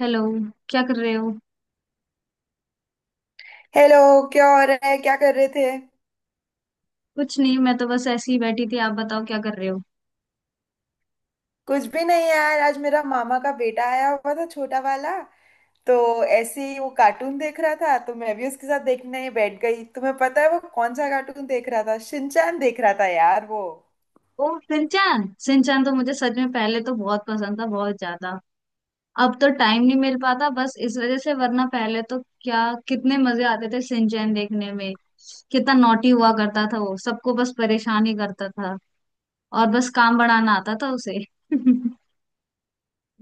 Hello. क्या कर रहे हो? हेलो। क्या हो रहा है, क्या कर रहे थे? कुछ नहीं, मैं तो बस ऐसे ही बैठी थी। आप बताओ, क्या कर रहे हो? कुछ भी नहीं यार, आज मेरा मामा का बेटा आया हुआ था, छोटा वाला। तो ऐसे ही वो कार्टून देख रहा था तो मैं भी उसके साथ देखने बैठ गई। तुम्हें पता है वो कौन सा कार्टून देख रहा था? शिनचैन देख रहा था यार वो। ओ सिंचान, सिंचान तो मुझे सच में पहले तो बहुत पसंद था, बहुत ज्यादा। अब तो टाइम नहीं मिल पाता, बस इस वजह से, वरना पहले तो क्या कितने मजे आते थे सिंचैन देखने में। कितना नॉटी हुआ करता था वो, सबको बस परेशान ही करता था। और बस काम बढ़ाना आता था उसे।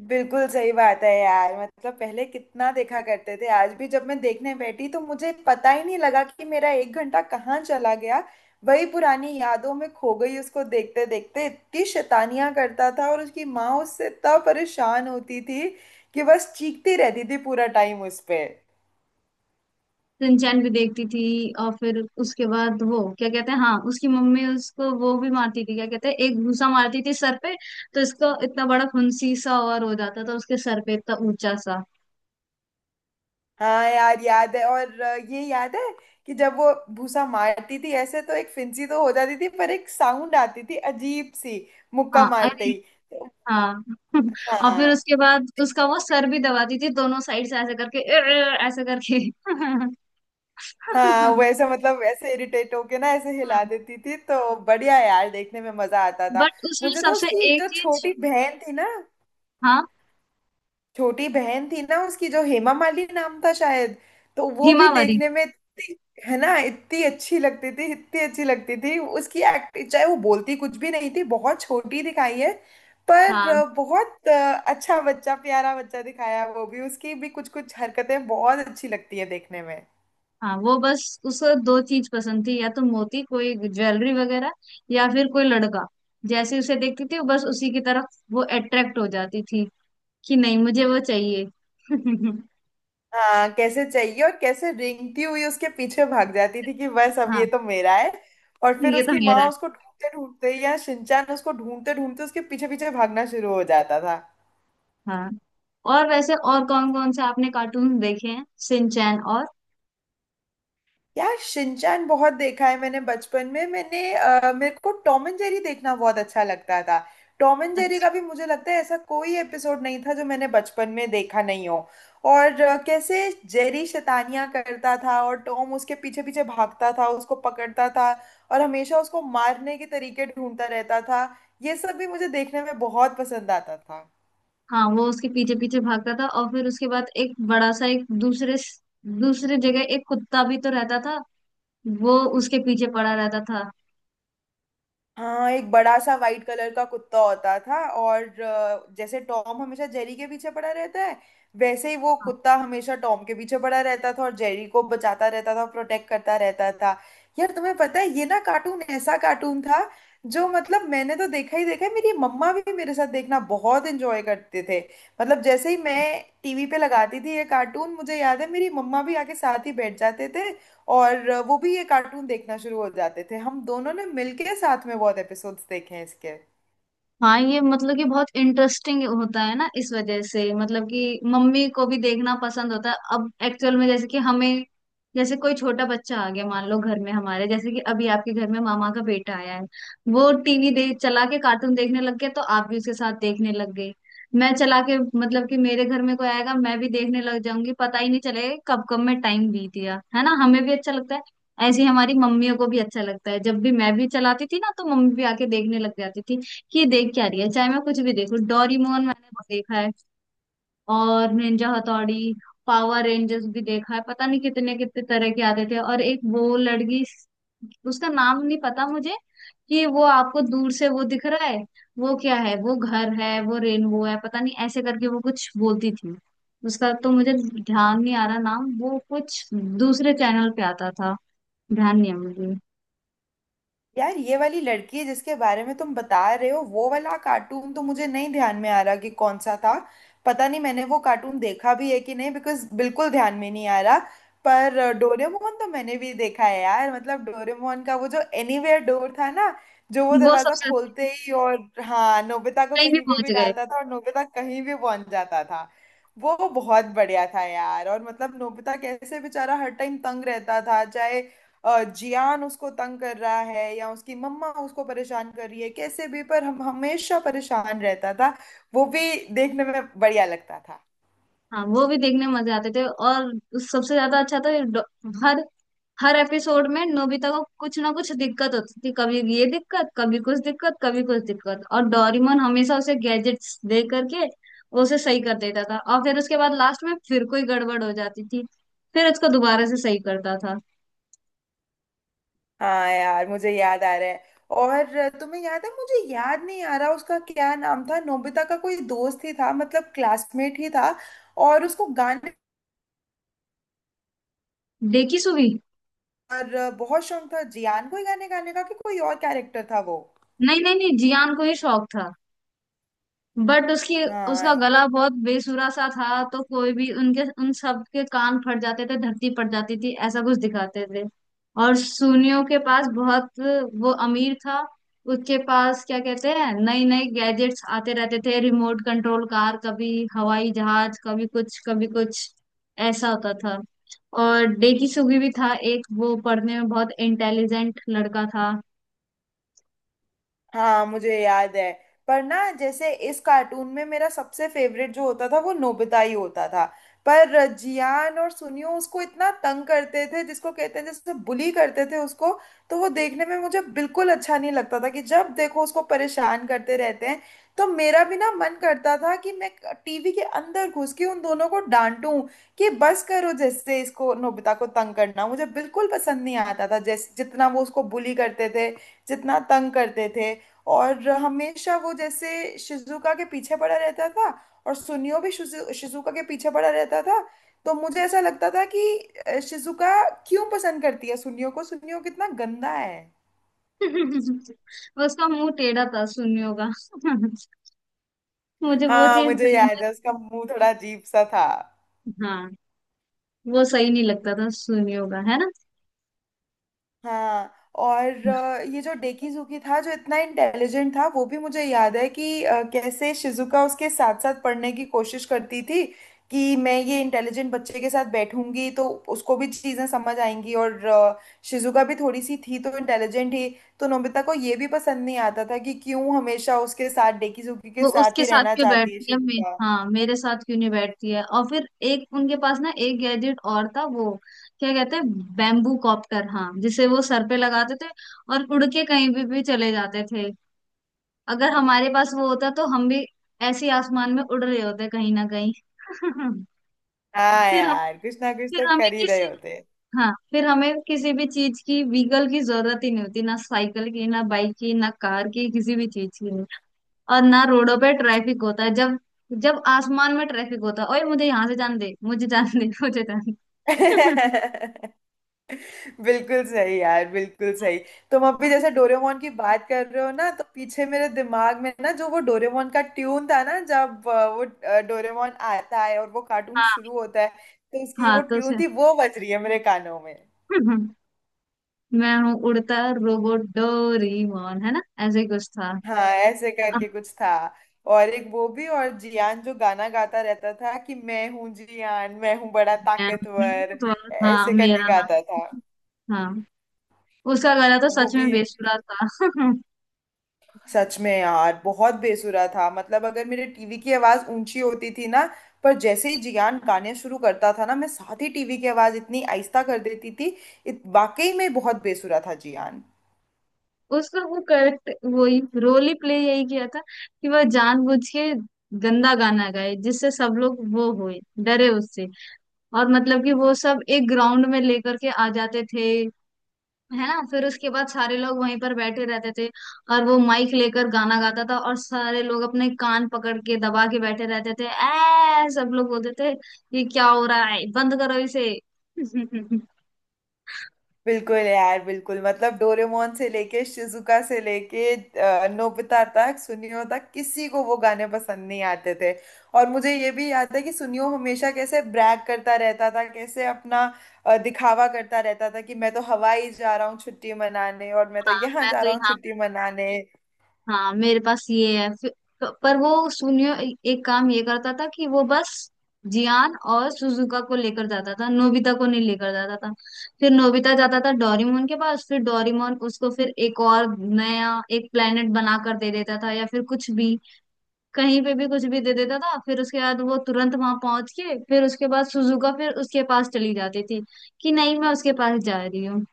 बिल्कुल सही बात है यार, मतलब पहले कितना देखा करते थे। आज भी जब मैं देखने बैठी तो मुझे पता ही नहीं लगा कि मेरा एक घंटा कहाँ चला गया। वही पुरानी यादों में खो गई उसको देखते देखते। इतनी शैतानियां करता था और उसकी माँ उससे इतना परेशान होती थी कि बस चीखती रहती थी पूरा टाइम उस पे। सिंचैन भी देखती थी। और फिर उसके बाद वो क्या कहते हैं, हाँ, उसकी मम्मी उसको वो भी मारती थी। क्या कहते हैं, एक भूसा मारती थी सर पे। तो इसको इतना बड़ा फुंसी सा और हो जाता था उसके सर पे, इतना ऊंचा सा। हाँ यार याद है। और ये याद है कि जब वो भूसा मारती थी ऐसे तो एक फिंसी तो हो जाती थी, पर एक साउंड आती थी अजीब सी, मुक्का हाँ, मारते अरे ही। तो हाँ। और फिर हाँ। उसके बाद उसका वो सर भी दबाती थी, दोनों साइड से ऐसे करके "अर्र" ऐसे करके। हाँ हाँ। वैसे, मतलब ऐसे इरिटेट होके ना ऐसे हिला देती थी तो बढ़िया यार, देखने में मजा आता था। बट उसमें मुझे तो सबसे उसकी एक जो चीज छोटी बहन थी ना, हाँ, छोटी बहन थी ना उसकी, जो हेमा माली नाम था शायद, तो वो भी हिमावरी। देखने में है ना, इतनी अच्छी लगती थी, इतनी अच्छी लगती थी उसकी एक्टिंग। चाहे वो बोलती कुछ भी नहीं थी, बहुत छोटी दिखाई है, पर हाँ। बहुत अच्छा बच्चा, प्यारा बच्चा दिखाया वो भी। उसकी भी कुछ कुछ हरकतें बहुत अच्छी लगती है देखने में। हाँ, वो बस उसको दो चीज पसंद थी, या तो मोती कोई ज्वेलरी वगैरह, या फिर कोई लड़का। जैसे उसे देखती थी वो बस उसी की तरफ वो अट्रैक्ट हो जाती थी कि नहीं, मुझे वो चाहिए। हाँ, कैसे चाहिए और कैसे रेंगती हुई उसके पीछे भाग जाती थी कि बस अब ये हाँ, तो मेरा है। और फिर ये तो उसकी मेरा माँ है। उसको ढूंढते ढूंढते या शिनचैन उसको ढूंढते ढूंढते उसके पीछे पीछे भागना शुरू हो जाता था। हाँ। और वैसे और कौन कौन से आपने कार्टून देखे हैं सिंचैन और? यार शिनचैन बहुत देखा है मैंने बचपन में। मैंने मेरे को टॉम एंड जेरी देखना बहुत अच्छा लगता था। टॉम एंड जेरी अच्छा। का भी मुझे लगता है ऐसा कोई एपिसोड नहीं था जो मैंने बचपन में देखा नहीं हो। और कैसे जेरी शैतानियां करता था और टॉम उसके पीछे पीछे भागता था, उसको पकड़ता था और हमेशा उसको मारने के तरीके ढूंढता रहता था। ये सब भी मुझे देखने में बहुत पसंद आता था। हाँ, वो उसके पीछे पीछे भागता था और फिर उसके बाद एक बड़ा सा एक दूसरे, दूसरे जगह एक कुत्ता भी तो रहता था। वो उसके पीछे पड़ा रहता था। हाँ, एक बड़ा सा वाइट कलर का कुत्ता होता था, और जैसे टॉम हमेशा जेरी के पीछे पड़ा रहता है, वैसे ही वो कुत्ता हमेशा टॉम के पीछे पड़ा रहता था और जेरी को बचाता रहता था, प्रोटेक्ट करता रहता था। यार तुम्हें पता है ये ना कार्टून, ऐसा कार्टून था जो, मतलब मैंने तो देखा ही देखा है, मेरी मम्मा भी मेरे साथ देखना बहुत एंजॉय करते थे। मतलब जैसे ही मैं टीवी पे लगाती थी ये कार्टून, मुझे याद है मेरी मम्मा भी आके साथ ही बैठ जाते थे और वो भी ये कार्टून देखना शुरू हो जाते थे। हम दोनों ने मिलके साथ में बहुत एपिसोड्स देखे हैं इसके। हाँ, ये मतलब कि बहुत इंटरेस्टिंग होता है ना, इस वजह से मतलब कि मम्मी को भी देखना पसंद होता है। अब एक्चुअल में जैसे कि हमें जैसे कोई छोटा बच्चा आ गया, मान लो घर में हमारे, जैसे कि अभी आपके घर में मामा का बेटा आया है, वो टीवी दे चला के कार्टून देखने लग गया तो आप भी उसके साथ देखने लग गए। मैं चला के मतलब कि मेरे घर में कोई आएगा मैं भी देखने लग जाऊंगी, पता ही नहीं चलेगा कि कब कब में टाइम बीत गया। है ना, हमें भी अच्छा लगता है, ऐसे ही हमारी मम्मियों को भी अच्छा लगता है। जब भी मैं भी चलाती थी ना, तो मम्मी भी आके देखने लग जाती थी, ये देख क्या रही है। चाहे मैं कुछ भी देखूं, डोरीमोन मैंने बहुत देखा है, और निंजा हथौड़ी, पावर रेंजर्स भी देखा है। पता नहीं कितने कितने तरह के आते थे। और एक वो लड़की, उसका नाम नहीं पता मुझे, कि वो आपको दूर से वो दिख रहा है, वो क्या है, वो घर है, वो रेनबो है, पता नहीं ऐसे करके वो कुछ बोलती थी। उसका तो मुझे ध्यान नहीं आ रहा नाम, वो कुछ दूसरे चैनल पे आता था। ध्यान नहीं है मुझे। यार ये वाली लड़की जिसके बारे में तुम बता रहे हो, वो वाला कार्टून तो मुझे नहीं ध्यान में आ रहा कि कौन सा था। पता नहीं मैंने वो कार्टून देखा भी है कि नहीं, बिकॉज बिल्कुल ध्यान में नहीं आ रहा। पर डोरेमोन तो मैंने भी देखा है यार। मतलब डोरेमोन का वो जो एनीवेयर डोर था ना, जो वो वो दरवाजा सबसे खोलते ही और, हाँ, नोबिता को कहीं भी कहीं पे पहुंच भी गए। डालता था और नोबिता कहीं भी पहुंच जाता था। वो बहुत बढ़िया था यार। और मतलब नोबिता कैसे बेचारा हर टाइम तंग रहता था, चाहे जियान उसको तंग कर रहा है या उसकी मम्मा उसको परेशान कर रही है, कैसे भी पर हम हमेशा परेशान रहता था वो भी। देखने में बढ़िया लगता था। हाँ, वो भी देखने में मजे आते थे। और सबसे ज्यादा अच्छा था हर, हर एपिसोड में नोबिता को कुछ ना कुछ दिक्कत होती थी, कभी ये दिक्कत, कभी कुछ दिक्कत, कभी कुछ दिक्कत, और डोरेमोन हमेशा उसे गैजेट्स दे करके वो उसे सही कर देता था। और फिर उसके बाद लास्ट में फिर कोई गड़बड़ हो जाती थी, फिर उसको दोबारा से सही करता था। हाँ यार मुझे याद आ रहा है। और तुम्हें याद है, मुझे याद नहीं आ रहा उसका क्या नाम था, नोबिता का कोई दोस्त ही था मतलब क्लासमेट ही था और उसको गाने, देखी सुवी। और बहुत शौक था जियान को ही गाने गाने का, कि कोई और कैरेक्टर था वो? नहीं नहीं नहीं, जियान को ही शौक था। बट उसकी, उसका हाँ। गला बहुत बेसुरा सा था तो कोई भी उनके उन सब के कान फट जाते थे, धरती फट जाती थी, ऐसा कुछ दिखाते थे। और सुनियों के पास बहुत, वो अमीर था। उसके पास क्या कहते हैं, नई नई गैजेट्स आते रहते थे, रिमोट कंट्रोल कार कभी, हवाई जहाज कभी, कुछ कभी, कुछ ऐसा होता था। और डेकी सुगी भी था एक, वो पढ़ने में बहुत इंटेलिजेंट लड़का था। हाँ मुझे याद है। पर ना जैसे इस कार्टून में मेरा सबसे फेवरेट जो होता था वो नोबिता ही होता था, पर जियान और सुनियो उसको इतना तंग करते थे, जिसको कहते हैं जैसे बुली करते थे उसको। तो वो देखने में मुझे बिल्कुल अच्छा नहीं लगता था कि जब देखो उसको परेशान करते रहते हैं। तो मेरा भी ना मन करता था कि मैं टीवी के अंदर घुस के उन दोनों को डांटूं कि बस करो। जैसे इसको, नोबिता को तंग करना मुझे बिल्कुल पसंद नहीं आता था, जैसे जितना वो उसको बुली करते थे, जितना तंग करते थे। और हमेशा वो जैसे शिजुका के पीछे पड़ा रहता था, और सुनियो भी शिजुका के पीछे पड़ा रहता था। तो मुझे ऐसा लगता था कि शिजुका क्यों पसंद करती है सुनियो को, सुनियो कितना गंदा है। उसका मुंह टेढ़ा था सुनियों का। मुझे वो हाँ चीज मुझे सही याद नहीं है उसका मुंह थोड़ा अजीब सा था। लगती। हाँ, वो सही नहीं लगता था सुनी होगा, है ना। हाँ। और ये जो डेकीजुकी था जो इतना इंटेलिजेंट था वो भी मुझे याद है, कि कैसे शिजुका उसके साथ साथ पढ़ने की कोशिश करती थी कि मैं ये इंटेलिजेंट बच्चे के साथ बैठूंगी तो उसको भी चीज़ें समझ आएंगी। और शिजुका भी थोड़ी सी थी तो इंटेलिजेंट ही। तो नोबिता को ये भी पसंद नहीं आता था कि क्यों हमेशा उसके साथ, डेकीजुकी के वो साथ उसके ही साथ रहना क्यों चाहती है बैठती है शिजुका। हाँ, मेरे साथ क्यों नहीं बैठती है? और फिर एक उनके पास ना एक गैजेट और था, वो क्या कहते हैं बैम्बू कॉप्टर, हाँ, जिसे वो सर पे लगाते थे और उड़ के कहीं भी चले जाते थे। अगर हमारे पास वो होता तो हम भी ऐसे ही आसमान में उड़ रहे होते कहीं ना कहीं। हाँ फिर हम यार, कुछ ना कुछ फिर तो हमें कर ही रहे किसी होते हाँ, फिर हमें किसी भी चीज की, व्हीकल की जरूरत ही नहीं होती, ना साइकिल की, ना बाइक की, ना कार की, किसी भी चीज की नहीं। और ना रोडों पे ट्रैफिक होता है। जब जब आसमान में ट्रैफिक होता है, ओए मुझे यहाँ से जान दे, मुझे जान दे, मुझे जान दे। हैं। बिल्कुल सही यार, बिल्कुल सही। तुम अभी जैसे डोरेमोन की बात कर रहे हो ना, तो पीछे मेरे दिमाग में ना जो वो डोरेमोन का ट्यून था ना, जब वो डोरेमोन आता है और वो कार्टून हाँ। शुरू होता है तो उसकी हाँ वो तो से। ट्यून थी, वो बज रही है मेरे कानों में। मैं हूँ उड़ता रोबोट डोरीमोन, है ना, ऐसे ही कुछ था। हाँ, ऐसे अब करके कुछ था। और एक वो भी, और जियान जो गाना गाता रहता था कि मैं हूँ जियान, मैं हूँ बड़ा मैं- ताकतवर, तो- हाँ, ऐसे करके मेरा गाता नाम। था। हाँ, उसका गला तो वो सच भी में बेसुरा था। सच में यार बहुत बेसुरा था। मतलब अगर मेरे टीवी की आवाज ऊंची होती थी ना, पर जैसे ही जियान गाने शुरू करता था ना, मैं साथ ही टीवी की आवाज इतनी आहिस्ता कर देती थी। वाकई में बहुत बेसुरा था जियान। उसका वो करेक्ट वही रोल ही प्ले यही किया था कि वह जानबूझ के गंदा गाना गाए, जिससे सब लोग वो होए डरे उससे। और मतलब कि वो सब एक ग्राउंड में लेकर के आ जाते थे, है ना, फिर उसके बाद सारे लोग वहीं पर बैठे रहते थे, और वो माइक लेकर गाना गाता था और सारे लोग अपने कान पकड़ के दबा के बैठे रहते थे। ऐ, सब लोग बोलते थे ये क्या हो रहा है, बंद करो इसे। बिल्कुल यार, बिल्कुल, मतलब डोरेमोन से लेके, शिजुका से लेके, नोबिता तक, सुनियो तक, किसी को वो गाने पसंद नहीं आते थे। और मुझे ये भी याद है कि सुनियो हमेशा कैसे ब्रैग करता रहता था, कैसे अपना दिखावा करता रहता था कि मैं तो हवाई जा रहा हूँ छुट्टी मनाने, और मैं तो हाँ, यहाँ मैं जा तो रहा हूँ यहाँ, छुट्टी मनाने। हाँ मेरे पास ये है। पर वो सुनियो एक काम ये करता था कि वो बस जियान और सुजुका को लेकर जाता था, नोबिता को नहीं लेकर जाता था। फिर नोबिता जाता था डोरेमोन के पास, फिर डोरेमोन उसको फिर एक और नया एक प्लेनेट बना कर दे देता था, या फिर कुछ भी, कहीं पे भी कुछ भी दे देता था। फिर उसके बाद वो तुरंत वहां पहुंच के, फिर उसके बाद सुजुका फिर उसके पास चली जाती थी कि नहीं, मैं उसके पास जा रही हूँ।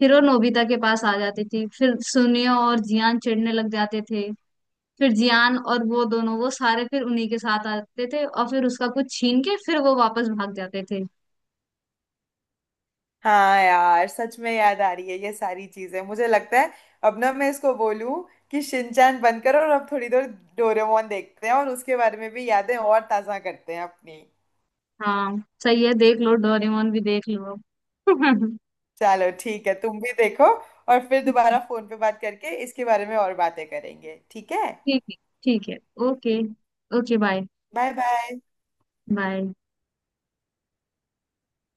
फिर वो नोबिता के पास आ जाती थी, फिर सुनियो और जियान चिढ़ने लग जाते थे। फिर जियान और वो दोनों, वो सारे फिर उन्हीं के साथ आते थे और फिर उसका कुछ छीन के फिर वो वापस भाग जाते थे। हाँ यार सच में याद आ रही है ये सारी चीजें। मुझे लगता है अब ना मैं इसको बोलूं कि शिनचैन बंद करो और अब थोड़ी देर डोरेमोन देखते हैं, और उसके बारे में भी यादें और ताजा करते हैं अपनी। हाँ, सही है, देख लो डोरेमोन भी देख लो। ठीक। चलो ठीक है, तुम भी देखो और फिर दोबारा फोन पे बात करके इसके बारे में और बातें करेंगे, ठीक है। ठीक है। ठीक है। Okay. Okay, bye. Bye bye. Bye.